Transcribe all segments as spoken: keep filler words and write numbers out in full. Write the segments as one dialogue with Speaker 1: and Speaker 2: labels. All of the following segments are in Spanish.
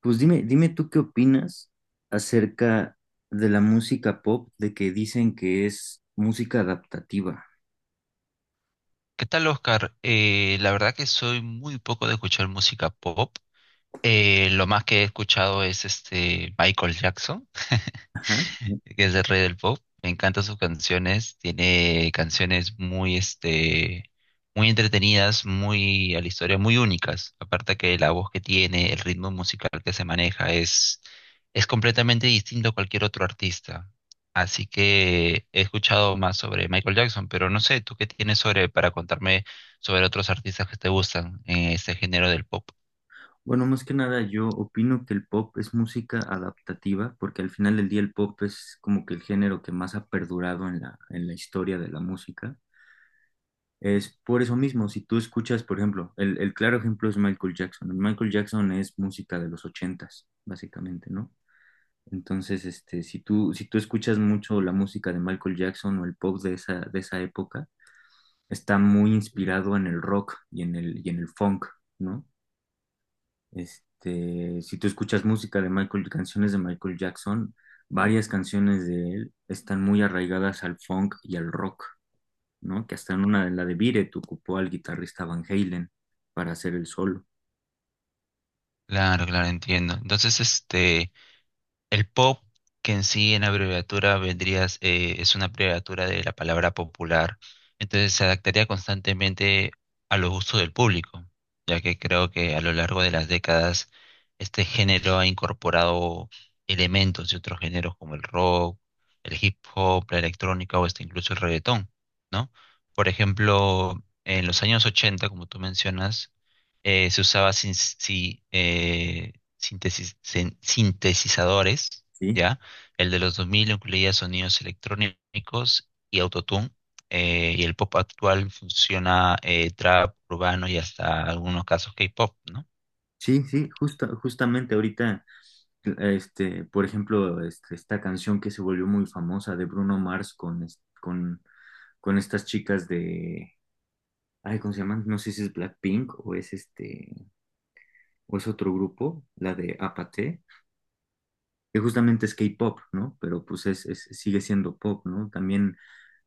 Speaker 1: Pues dime, dime tú qué opinas acerca de la música pop, de que dicen que es música adaptativa.
Speaker 2: ¿Qué tal, Oscar? Eh, la verdad que soy muy poco de escuchar música pop. Eh, lo más que he escuchado es este Michael Jackson.
Speaker 1: Ajá.
Speaker 2: Que es el rey del pop. Me encantan sus canciones. Tiene canciones muy, este, muy entretenidas, muy a la historia, muy únicas. Aparte que la voz que tiene, el ritmo musical que se maneja es, es completamente distinto a cualquier otro artista. Así que he escuchado más sobre Michael Jackson, pero no sé, ¿tú qué tienes sobre para contarme sobre otros artistas que te gustan en este género del pop?
Speaker 1: Bueno, más que nada yo opino que el pop es música adaptativa, porque al final del día el pop es como que el género que más ha perdurado en la, en la historia de la música. Es por eso mismo, si tú escuchas, por ejemplo, el, el claro ejemplo es Michael Jackson. Michael Jackson es música de los ochentas, básicamente, ¿no? Entonces, este, si tú, si tú escuchas mucho la música de Michael Jackson o el pop de esa, de esa época, está muy inspirado en el rock y en el, y en el funk, ¿no? Este, si tú escuchas música de Michael, canciones de Michael Jackson, varias canciones de él están muy arraigadas al funk y al rock, ¿no? Que hasta en una de la de Beat It ocupó al guitarrista Van Halen para hacer el solo,
Speaker 2: Claro, claro, entiendo. Entonces, este, el pop, que en sí en abreviatura vendrías, eh, es una abreviatura de la palabra popular, entonces se adaptaría constantemente a los gustos del público, ya que creo que a lo largo de las décadas este género ha incorporado elementos de otros géneros como el rock, el hip hop, la electrónica o hasta incluso el reggaetón, ¿no? Por ejemplo, en los años ochenta, como tú mencionas, eh, se usaba sin, sí, eh, síntesis- sin- sintetizadores,
Speaker 1: ¿sí?
Speaker 2: ¿ya? El de los dos mil incluía sonidos electrónicos y autotune, eh, y el pop actual funciona eh, trap, urbano y hasta algunos casos K-pop, ¿no?
Speaker 1: Sí, sí, justa, justamente ahorita Este, por ejemplo, este, esta canción que se volvió muy famosa de Bruno Mars con, es- con, con estas chicas de, ay, ¿cómo se llaman? No sé si es Blackpink o es este, o es otro grupo, la de Apathy, que justamente es K-pop, ¿no? Pero pues es, es- sigue siendo pop, ¿no? También,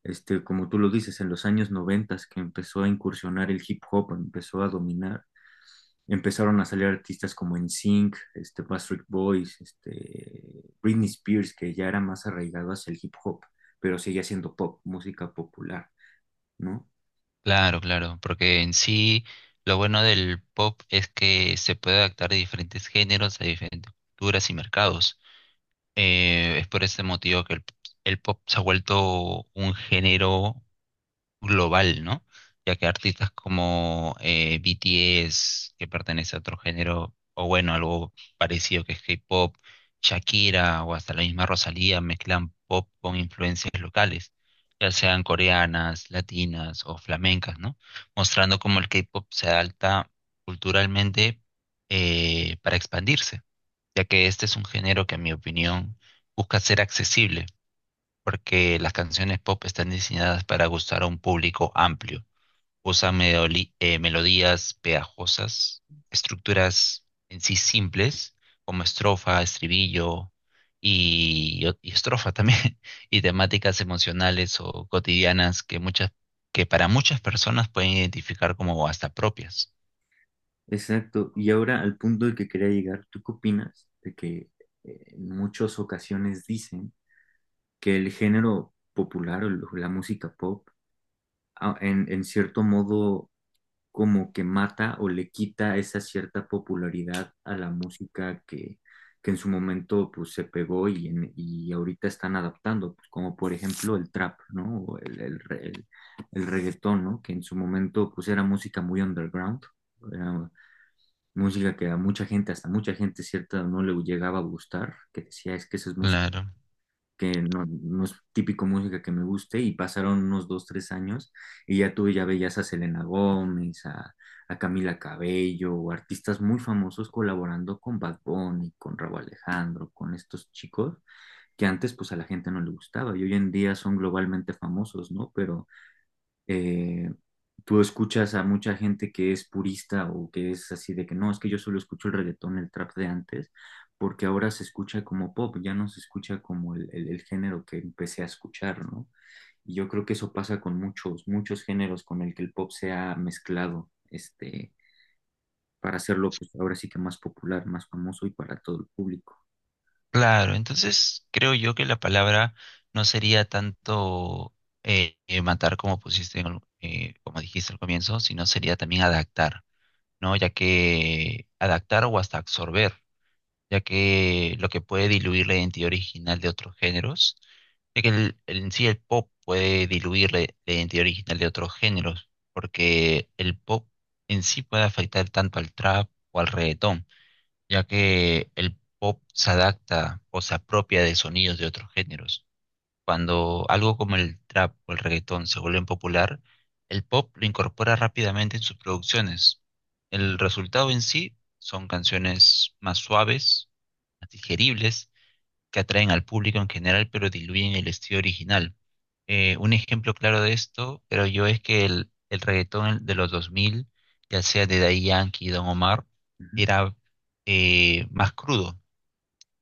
Speaker 1: este, como tú lo dices, en los años noventas que empezó a incursionar el hip hop, empezó a dominar empezaron a salir artistas como NSYNC, este, Backstreet Boys, este, Britney Spears, que ya era más arraigado hacia el hip hop, pero seguía siendo pop, música popular, ¿no?
Speaker 2: Claro, claro, porque en sí lo bueno del pop es que se puede adaptar a diferentes géneros, a diferentes culturas y mercados. Eh, es por este motivo que el, el pop se ha vuelto un género global, ¿no? Ya que artistas como eh, B T S, que pertenece a otro género, o bueno, algo parecido que es K-pop, Shakira o hasta la misma Rosalía mezclan pop con influencias locales, ya sean coreanas, latinas o flamencas, ¿no? Mostrando cómo el K-pop se adapta culturalmente eh, para expandirse, ya que este es un género que, en mi opinión, busca ser accesible porque las canciones pop están diseñadas para gustar a un público amplio. Usan meoli- eh, melodías pegajosas, estructuras en sí simples, como estrofa, estribillo y, y estrofa también, y temáticas emocionales o cotidianas que muchas, que para muchas personas pueden identificar como hasta propias.
Speaker 1: Exacto. Y ahora al punto del que quería llegar, ¿tú qué opinas de que eh, en muchas ocasiones dicen que el género popular o la música pop, a- en, en cierto modo, como que mata o le quita esa cierta popularidad a la música que, que en su momento pues se pegó y, en- y ahorita están adaptando, pues, como por ejemplo el trap, ¿no? O el, el, re- el- el reggaetón, ¿no? Que en su momento pues era música muy underground, era música que a mucha gente, hasta mucha gente cierta no le llegaba a gustar, que decía es que esa es música
Speaker 2: Claro.
Speaker 1: que no, no es típico música que me guste, y pasaron unos dos, tres años, y ya tú ya veías a Selena Gómez, a, a Camila Cabello, o artistas muy famosos colaborando con Bad Bunny, con Rauw Alejandro, con estos chicos que antes pues a la gente no le gustaba, y hoy en día son globalmente famosos, ¿no? Pero eh, tú escuchas a mucha gente que es purista o que es así de que no, es que yo solo escucho el reggaetón, el trap de antes, porque ahora se escucha como pop, ya no se escucha como el, el- el género que empecé a escuchar, ¿no? Y yo creo que eso pasa con muchos, muchos géneros con el que el pop se ha mezclado, este, para hacerlo, pues ahora sí que más popular, más famoso y para todo el público.
Speaker 2: Claro, entonces creo yo que la palabra no sería tanto eh, eh, matar como pusiste, en el- eh, como dijiste al comienzo, sino sería también adaptar, ¿no? Ya que adaptar o hasta absorber, ya que lo que puede diluir la identidad original de otros géneros, ya que el, el- en sí el pop puede diluir la, la identidad original de otros géneros, porque el pop en sí puede afectar tanto al trap o al reggaetón ya que el pop se adapta o se apropia de sonidos de otros géneros. Cuando algo como el trap o el reggaetón se vuelven popular, el pop lo incorpora rápidamente en sus producciones. El resultado en sí son canciones más suaves, más digeribles que atraen al público en general, pero diluyen el estilo original. Eh, un ejemplo claro de esto, creo yo es que el, el reggaetón de los dos mil, ya sea de Daddy Yankee y Don Omar,
Speaker 1: Ujú.
Speaker 2: era eh, más crudo,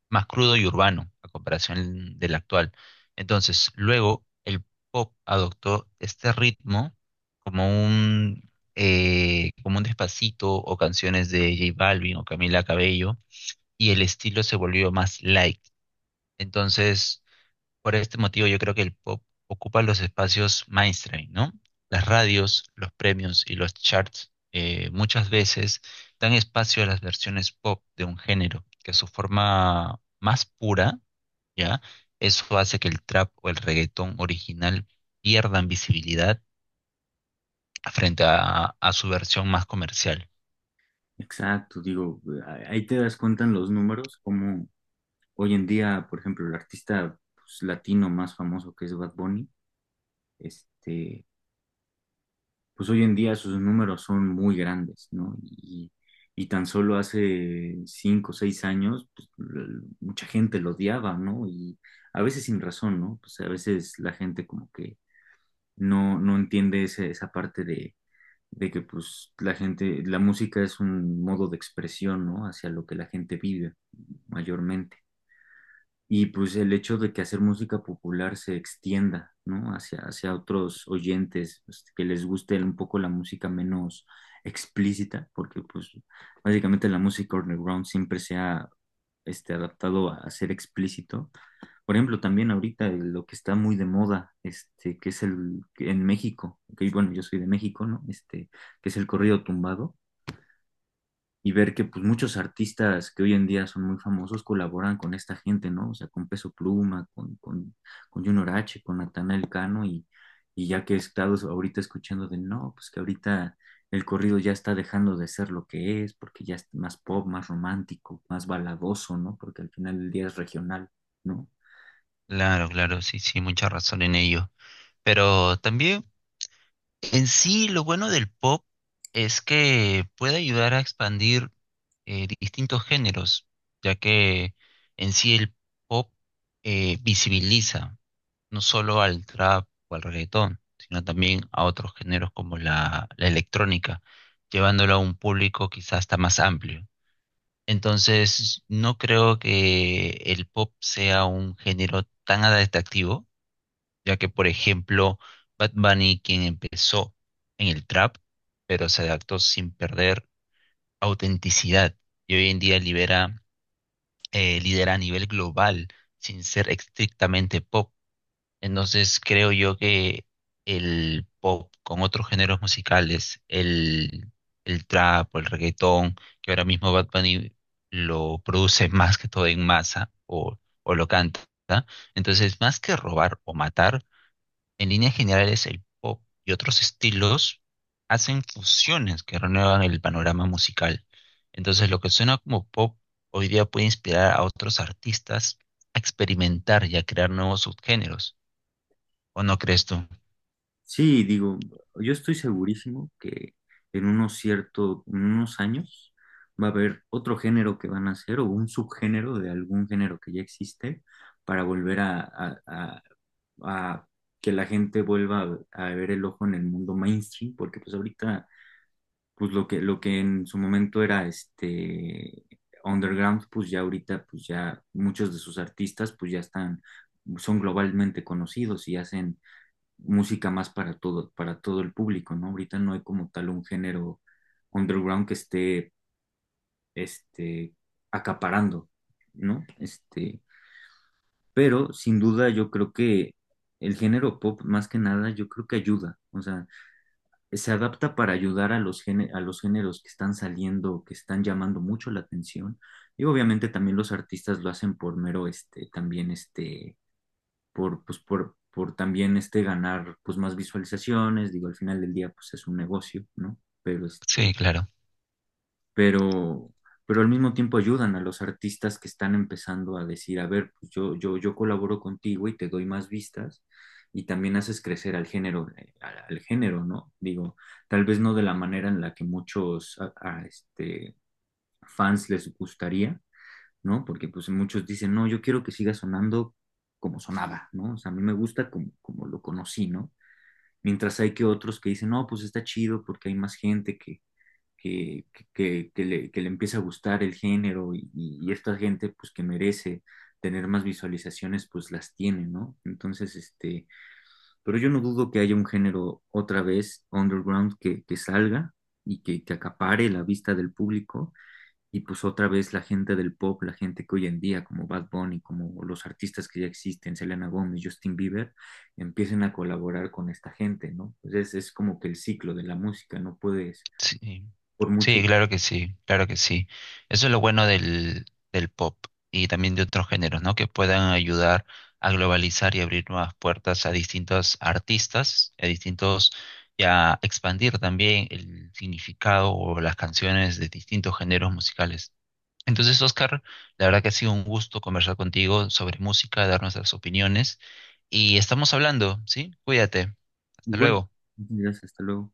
Speaker 2: más crudo y urbano a comparación del actual. Entonces, luego el pop adoptó este ritmo como un, eh, como un despacito o canciones de J Balvin o Camila Cabello y el estilo se volvió más light. Entonces, por este motivo yo creo que el pop ocupa los espacios mainstream, ¿no? Las radios, los premios y los charts eh, muchas veces dan espacio a las versiones pop de un género, que su forma más pura, ¿ya? Eso hace que el trap o el reggaetón original pierdan visibilidad frente a, a su versión más comercial.
Speaker 1: Exacto, digo, ahí te das cuenta en los números cómo, hoy en día, por ejemplo, el artista pues, latino más famoso que es Bad Bunny, este, pues hoy en día sus números son muy grandes, ¿no? Y, y tan solo hace cinco o seis años, pues, l- mucha gente lo odiaba, ¿no? Y a veces sin razón, ¿no? Pues a veces la gente como que no, no entiende ese- esa parte de, de que pues la gente, la música es un modo de expresión, ¿no? Hacia lo que la gente vive mayormente. Y pues el hecho de que hacer música popular se extienda, ¿no? Hacia, hacia otros oyentes, pues, que les guste un poco la música menos explícita, porque pues básicamente la música underground siempre se ha este, adaptado a, a ser explícito. Por ejemplo, también ahorita eh, lo que está muy de moda, este, que es el, que en México, que bueno, yo soy de México, ¿no? Este, que es el corrido tumbado y ver que pues muchos artistas que hoy en día son muy famosos colaboran con esta gente, ¿no? O sea, con Peso Pluma, con, con, con Junior H, con Natanael Cano y, y ya que he estado so, ahorita escuchando de no, pues que ahorita el corrido ya está dejando de ser lo que es, porque ya es más pop, más romántico, más baladoso, ¿no? Porque al final del día es regional, ¿no?
Speaker 2: Claro, claro, sí, sí, mucha razón en ello. Pero también en sí, lo bueno del pop es que puede ayudar a expandir eh, distintos géneros, ya que en sí el pop eh, visibiliza no solo al trap o al reggaetón, sino también a otros géneros como la, la electrónica, llevándolo a un público quizás hasta más amplio. Entonces, no creo que el pop sea un género tan atractivo ya que por ejemplo, Bad Bunny, quien empezó en el trap, pero se adaptó sin perder autenticidad y hoy en día libera, eh, lidera a nivel global sin ser estrictamente pop. Entonces creo yo que el pop con otros géneros musicales, el, el trap o el reggaetón, que ahora mismo Bad Bunny lo produce más que todo en masa o, o lo canta, entonces más que robar o matar, en líneas generales, el pop y otros estilos hacen fusiones que renuevan el panorama musical. Entonces, lo que suena como pop hoy día puede inspirar a otros artistas a experimentar y a crear nuevos subgéneros. ¿O no crees tú?
Speaker 1: Sí, digo, yo estoy segurísimo que en unos cierto, en unos años va a haber otro género que van a hacer o un subgénero de algún género que ya existe para volver a, a- a- a que la gente vuelva a, a ver el ojo en el mundo mainstream, porque pues ahorita, pues lo que, lo que en su momento era este underground, pues ya ahorita, pues ya muchos de sus artistas, pues ya están, son globalmente conocidos y hacen música más para todo, para todo el público, ¿no? Ahorita no hay como tal un género underground que esté, este, acaparando, ¿no? Este, pero sin duda yo creo que el género pop, más que nada, yo creo que ayuda, o sea, se adapta para ayudar a los géne- a los géneros que están saliendo, que están llamando mucho la atención, y obviamente también los artistas lo hacen por mero, este, también, este, por, pues, por, por también este ganar pues más visualizaciones, digo, al final del día pues es un negocio, ¿no? Pero
Speaker 2: Sí,
Speaker 1: este,
Speaker 2: claro.
Speaker 1: pero, pero al mismo tiempo ayudan a los artistas que están empezando a decir, a ver, pues yo, yo, yo colaboro contigo y te doy más vistas y también haces crecer al género, eh, al, al género, ¿no? Digo, tal vez no de la manera en la que muchos a- a, este, fans les gustaría, ¿no? Porque pues muchos dicen, no, yo quiero que siga sonando como sonaba, ¿no? O sea, a mí me gusta como, como lo conocí, ¿no? Mientras hay que otros que dicen, no, pues está chido porque hay más gente que, que, que, que le, que le empieza a gustar el género y, y esta gente pues que merece tener más visualizaciones, pues las tiene, ¿no? Entonces, este, pero yo no dudo que haya un género otra vez underground que, que salga y que, que acapare la vista del público y pues otra vez la gente del pop, la gente que hoy en día, como Bad Bunny, como los artistas que ya existen, Selena Gómez, Justin Bieber, empiecen a colaborar con esta gente, ¿no? Entonces es, es como que el ciclo de la música, no puedes,
Speaker 2: Sí,
Speaker 1: por mucho.
Speaker 2: sí, claro que sí, claro que sí. Eso es lo bueno del, del pop y también de otros géneros, ¿no? Que puedan ayudar a globalizar y abrir nuevas puertas a distintos artistas, a distintos, y a expandir también el significado o las canciones de distintos géneros musicales. Entonces, Oscar, la verdad que ha sido un gusto conversar contigo sobre música, dar nuestras opiniones y estamos hablando, ¿sí? Cuídate. Hasta
Speaker 1: Igual,
Speaker 2: luego.
Speaker 1: gracias, hasta luego.